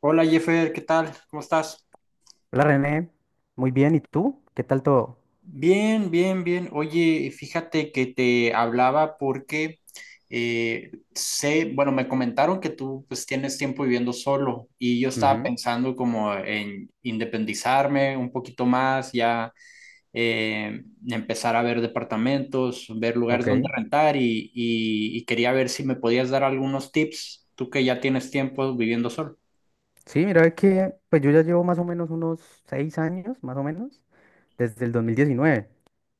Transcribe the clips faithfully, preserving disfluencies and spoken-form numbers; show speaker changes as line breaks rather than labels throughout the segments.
Hola Jeffer, ¿qué tal? ¿Cómo estás?
Hola René, muy bien, ¿y tú? ¿Qué tal todo?
Bien, bien, bien. Oye, fíjate que te hablaba porque eh, sé, bueno, me comentaron que tú pues tienes tiempo viviendo solo y yo estaba
Ujú.
pensando como en independizarme un poquito más, ya eh, empezar a ver departamentos, ver lugares donde
Ok,
rentar y, y y quería ver si me podías dar algunos tips, tú que ya tienes tiempo viviendo solo.
sí, mira, es que pues yo ya llevo más o menos unos seis años, más o menos, desde el dos mil diecinueve,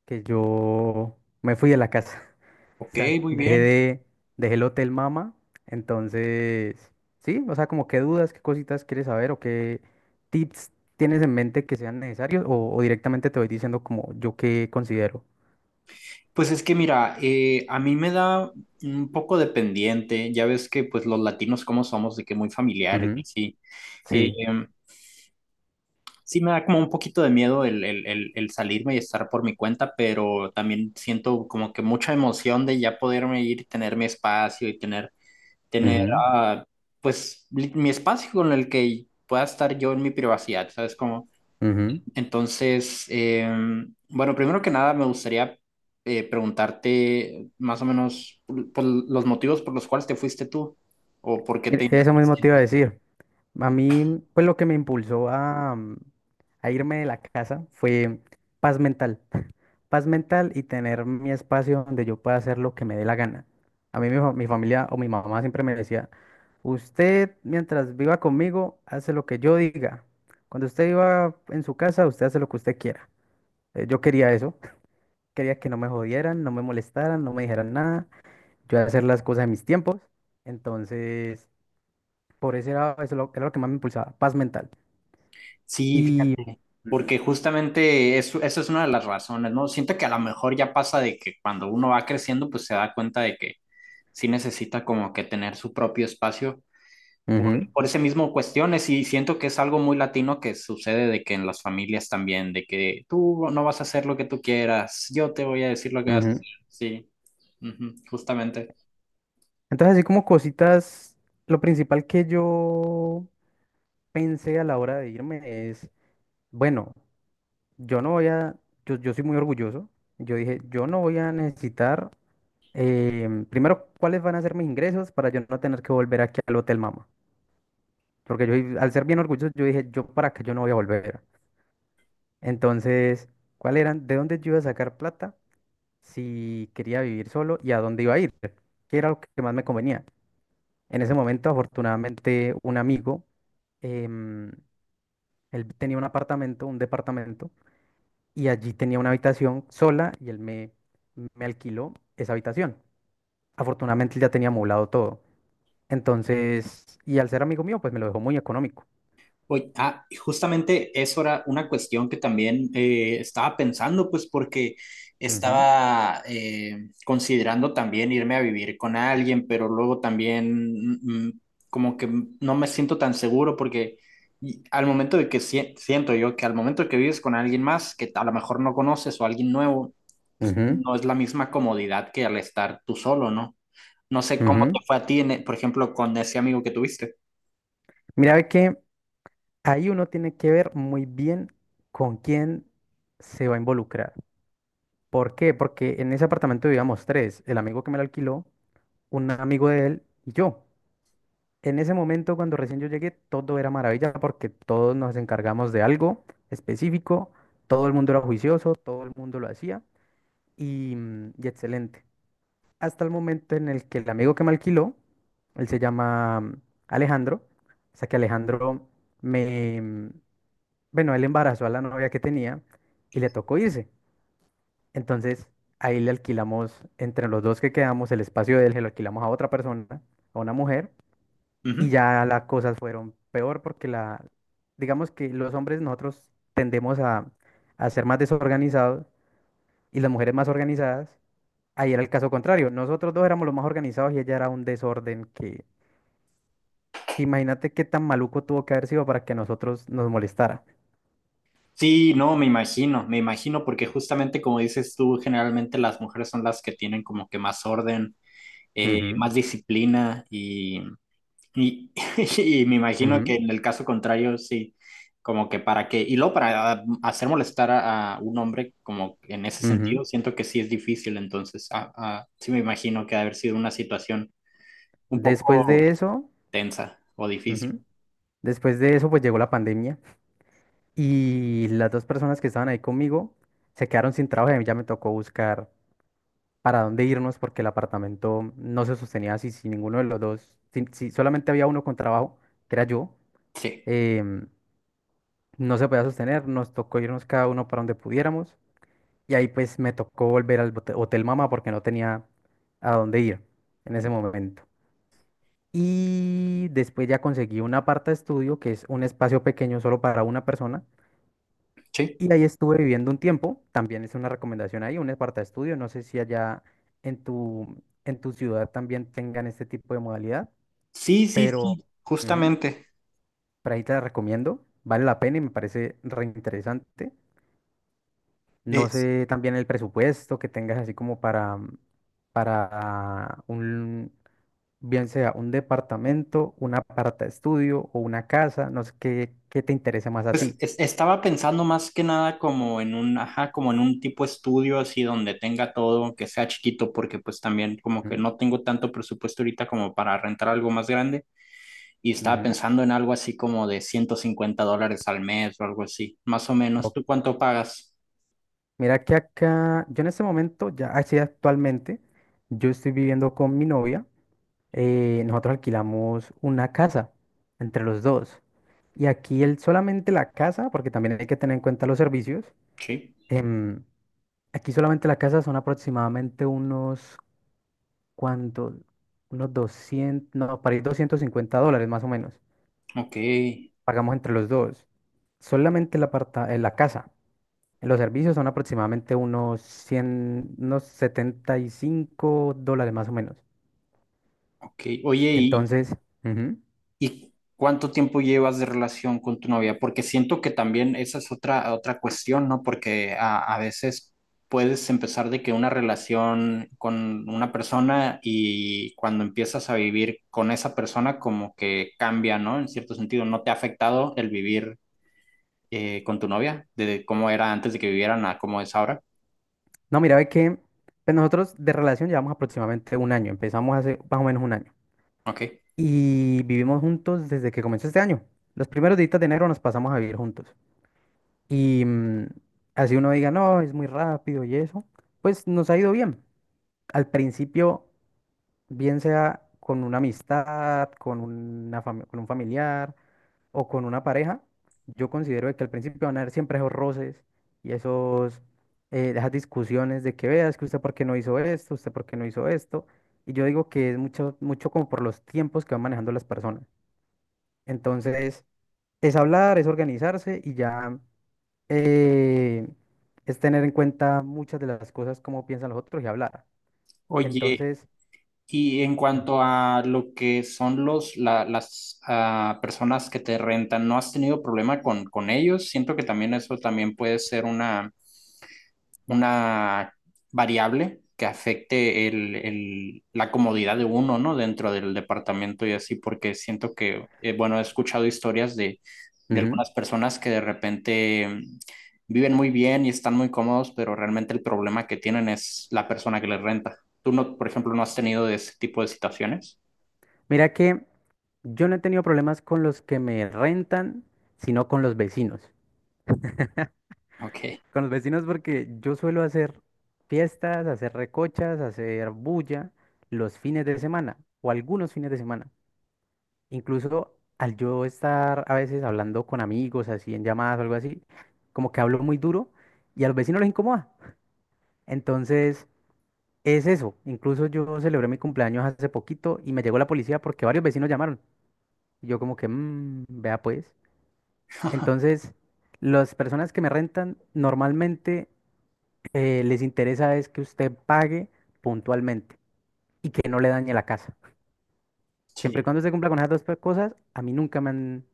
que yo me fui de la casa. O
Ok,
sea,
muy
dejé
bien.
de, dejé el hotel Mama. Entonces, sí, o sea, como qué dudas, qué cositas quieres saber o qué tips tienes en mente que sean necesarios o, o directamente te voy diciendo como yo qué considero.
Pues es que mira, eh, a mí me da un poco de pendiente, ya ves que pues los latinos como somos, de que muy familiares y
Ujú.
sí. Eh,
Sí.
em, sí me da como un poquito de miedo el, el, el, el salirme y estar por mi cuenta, pero también siento como que mucha emoción de ya poderme ir, y tener mi espacio y tener, tener
Ujú,
ah, pues li- mi espacio con el que pueda estar yo en mi privacidad, ¿sabes? Como
ujú.
entonces, eh, bueno, primero que nada me gustaría eh, preguntarte más o menos por, por los motivos por los cuales te fuiste tú o por qué
Mira,
te...
eso mismo te iba a decir. A mí, mm, pues lo que me impulsó a, mm, a irme de la casa fue paz mental. Paz mental y tener mi espacio donde yo pueda hacer lo que me dé la gana. A mí mi, fa- mi familia o mi mamá siempre me decía, usted mientras viva conmigo, hace lo que yo diga. Cuando usted viva en su casa, usted hace lo que usted quiera. Eh, Yo quería eso, quería que no me jodieran, no me molestaran, no me dijeran nada, yo hacer las cosas en mis tiempos. Entonces, por eso era, eso lo- era lo que más me impulsaba, paz mental.
Sí,
Y.
fíjate,
Ujú.
porque justamente eso, eso es una de las razones, ¿no? Siento que a lo mejor ya pasa de que cuando uno va creciendo, pues se da cuenta de que sí necesita como que tener su propio espacio. por,
Ujú,
por ese mismo cuestiones y siento que es algo muy latino que sucede de que en las familias también, de que tú no vas a hacer lo que tú quieras, yo te voy a decir lo que vas a
ujú.
hacer. Sí, ujú, justamente.
Entonces, así como cositas, lo principal que yo pensé a la hora de irme es, bueno, yo no voy a, yo, yo soy muy orgulloso, yo dije, yo no voy a necesitar, em, primero, cuáles van a ser mis ingresos para yo no tener que volver aquí al Hotel Mama, porque yo, i- al ser bien orgulloso, yo dije, yo para acá yo no voy a volver. Entonces, ¿cuál eran, de dónde yo iba a sacar plata si quería vivir solo y a dónde iba a ir? ¿Qué era lo que más me convenía? En ese momento, afortunadamente, un amigo, em, él tenía un apartamento, un departamento, y allí tenía una habitación sola y él me, me alquiló esa habitación. Afortunadamente, él ya tenía amoblado todo. Entonces, y al ser amigo mío, pues me lo dejó muy económico.
Oye, ah, y justamente eso era una cuestión que también eh, estaba pensando, pues porque
Ujú,
estaba eh, considerando también irme a vivir con alguien, pero luego también mm, mm, como que no me siento tan seguro porque y al momento de que sie- siento yo que al momento que vives con alguien más que a lo mejor no conoces o alguien nuevo, pues
ujú,
no es la misma comodidad que al estar tú solo, ¿no? No sé cómo te
ujú.
fue a ti, en e- por ejemplo, con ese amigo que tuviste.
Mira, ve que ahí uno tiene que ver muy bien con quién se va a involucrar. ¿Por qué? Porque en ese apartamento vivíamos tres, el amigo que me lo alquiló, un amigo de él y yo. En ese momento, cuando recién yo llegué, todo era maravilla porque todos nos encargamos de algo específico, todo el mundo era juicioso, todo el mundo lo hacía y, mm, y excelente. Hasta el momento en el que el amigo que me alquiló, él se llama mm, Alejandro, o sea que Alejandro me, mm, bueno, él embarazó a la novia que tenía y le tocó irse. Entonces ahí le alquilamos, entre los dos que quedamos, el espacio de él, se lo alquilamos a otra persona, a una mujer y ya las cosas fueron peor porque la, digamos que los hombres nosotros tendemos a, a ser más desorganizados y las mujeres más organizadas. Ahí era el caso contrario. Nosotros dos éramos los más organizados y ella era un desorden que, que imagínate qué tan maluco tuvo que haber sido para que a nosotros nos molestara.
Sí, no, me imagino, me imagino, porque justamente como dices tú, generalmente las mujeres son las que tienen como que más orden, eh,
Ujú,
más disciplina y, y, y me imagino
ujú,
que en el caso contrario, sí, como que para qué, y luego para hacer molestar a, a un hombre, como en ese
ujú.
sentido, siento que sí es difícil, entonces ah, ah, sí me imagino que ha de haber sido una situación un
Después de
poco
eso,
tensa o difícil.
ujú, después de eso pues llegó la pandemia y las dos personas que estaban ahí conmigo se quedaron sin trabajo y a mí ya me tocó buscar para dónde irnos porque el apartamento no se sostenía así, si ninguno de los dos, si, si solamente había uno con trabajo, que era yo,
Sí,
em, no se podía sostener, nos tocó irnos cada uno para donde pudiéramos y ahí pues me tocó volver al bote- Hotel Mama porque no tenía a dónde ir en ese momento. Y después ya conseguí un aparta estudio, que es un espacio pequeño solo para una persona.
sí,
Y ahí estuve viviendo un tiempo, también es una recomendación ahí, un aparta estudio, no sé si allá en tu, en tu ciudad también tengan este tipo de modalidad,
sí, sí,
pero
sí,
ujú,
justamente.
por ahí te la recomiendo, vale la pena y me parece reinteresante. No sé también el presupuesto que tengas así como para, para un, bien sea un departamento, un aparta estudio o una casa, no sé qué, qué te interesa más a
Pues
ti.
es- estaba pensando más que nada como en un, ajá, como en un tipo estudio así donde tenga todo, aunque sea chiquito, porque pues también como que
Ujú,
no tengo tanto presupuesto ahorita como para rentar algo más grande y estaba
ujú.
pensando en algo así como de ciento cincuenta dólares al mes o algo así, más o menos. ¿Tú cuánto pagas?
Mira que acá, yo en ese momento, ya así actualmente, yo estoy viviendo con mi novia. Eh, nosotros alquilamos una casa entre los dos. Y aquí el, solamente la casa, porque también hay que tener en cuenta los servicios.
Sí.
Em, aquí solamente la casa son aproximadamente unos, ¿cuántos? Unos doscientos, no, para ir doscientos cincuenta dólares más o menos.
Ok,
Pagamos entre los dos. Solamente la, aparta, eh, la casa. Los servicios son aproximadamente unos cien, unos setenta y cinco dólares más o menos.
ok. Oye, ¿y,
Entonces, ujú.
¿y cuánto tiempo llevas de relación con tu novia? Porque siento que también esa es otra, otra cuestión, ¿no? Porque a, a veces puedes empezar de que una relación con una persona y cuando empiezas a vivir con esa persona como que cambia, ¿no? En cierto sentido, ¿no te ha afectado el vivir eh, con tu novia? De cómo era antes de que vivieran a cómo es ahora.
No, mira, ve que pues nosotros de relación llevamos aproximadamente un año. Empezamos hace más o menos un año.
Ok.
Y vivimos juntos desde que comenzó este año. Los primeros días de enero nos pasamos a vivir juntos. Y mm, así uno diga, no, es muy rápido y eso, pues nos ha ido bien. Al principio bien sea con una amistad, con una fami- con un familiar o con una pareja, yo considero de que al principio van a haber siempre esos roces y esos, eh, esas discusiones de que veas que usted por qué no hizo esto, usted por qué no hizo esto. Y yo digo que es mucho, mucho como por los tiempos que van manejando las personas. Entonces, es hablar, es organizarse y ya eh, es tener en cuenta muchas de las cosas, cómo piensan los otros y hablar.
Oye,
Entonces.
y en cuanto a lo que son los, la- las ah, personas que te rentan, ¿no has tenido problema con, con ellos? Siento que también eso también puede ser una, una variable que afecte el, el- la comodidad de uno, ¿no? Dentro del departamento y así, porque siento que, eh, bueno, he escuchado historias de, de
Ujú.
algunas personas que de repente mm, viven muy bien y están muy cómodos, pero realmente el problema que tienen es la persona que les renta. ¿Tú no, por ejemplo, no has tenido de ese tipo de situaciones?
Mira que yo no he tenido problemas con los que me rentan, sino con los vecinos.
Ok,
Con los vecinos porque yo suelo hacer fiestas, hacer recochas, hacer bulla los fines de semana o algunos fines de semana. Incluso al yo estar a veces hablando con amigos, así en llamadas o algo así, como que hablo muy duro y a los vecinos les incomoda. Entonces, es eso. Incluso yo celebré mi cumpleaños hace poquito y me llegó la policía porque varios vecinos llamaron. Y yo como que, "Mm, vea pues". Entonces, las personas que me rentan normalmente eh, les interesa es que usted pague puntualmente y que no le dañe la casa. Siempre y
sí.
cuando se cumpla con esas dos pe- cosas, a mí nunca me han,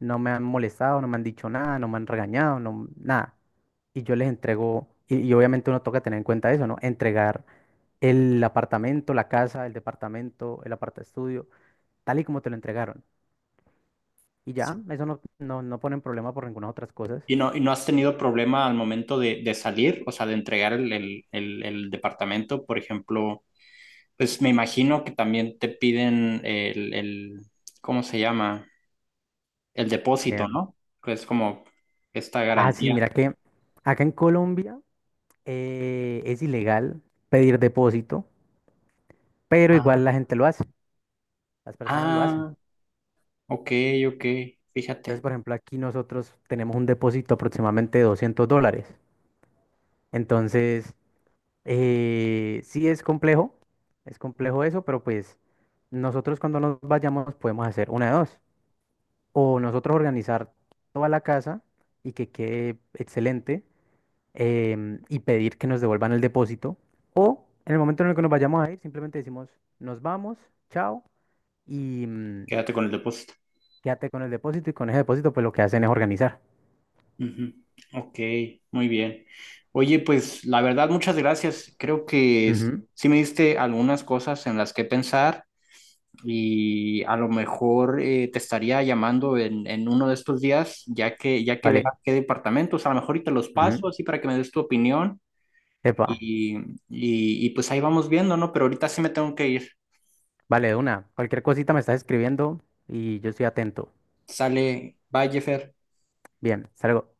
no me han molestado, no me han dicho nada, no me han regañado, no, nada. Y yo les entrego, y, y obviamente uno toca tener en cuenta eso, ¿no? Entregar el apartamento, la casa, el departamento, el aparta estudio, tal y como te lo entregaron. Y ya, eso no, no, no ponen problema por ninguna otras cosas.
¿Y no, y no has tenido problema al momento de, de salir, o sea, de entregar el, el, el, el departamento, por ejemplo? Pues me imagino que también te piden el, el, ¿cómo se llama? El depósito, ¿no? Pues como esta
Ah, sí,
garantía.
mira que acá en Colombia eh, es ilegal pedir depósito, pero igual
Ah,
la gente lo hace, las personas lo hacen.
ah, ok, ok,
Entonces,
fíjate,
por ejemplo, aquí nosotros tenemos un depósito aproximadamente de doscientos dólares. Entonces, eh, sí es complejo, es complejo eso, pero pues nosotros cuando nos vayamos podemos hacer una de dos. O nosotros organizar toda la casa y que quede excelente, em, y pedir que nos devuelvan el depósito. O en el momento en el que nos vayamos a ir, simplemente decimos, nos vamos, chao, y mm,
quédate con el depósito.
quédate con el depósito. Y con ese depósito, pues lo que hacen es organizar.
Ujú, ok, muy bien. Oye, pues la verdad, muchas gracias. Creo que s-
Ujú.
sí me diste algunas cosas en las que pensar. Y a lo mejor eh, te estaría llamando en, en uno de estos días, ya que, ya que veas
Vale.
qué departamentos, a lo mejor y te los
Ujú.
paso así para que me des tu opinión
Epa.
y, y, y pues ahí vamos viendo, ¿no? Pero ahorita sí me tengo que ir.
Vale, de una. Cualquier cosita me estás escribiendo y yo estoy atento.
Sale, bye, Jeffer.
Bien, salgo.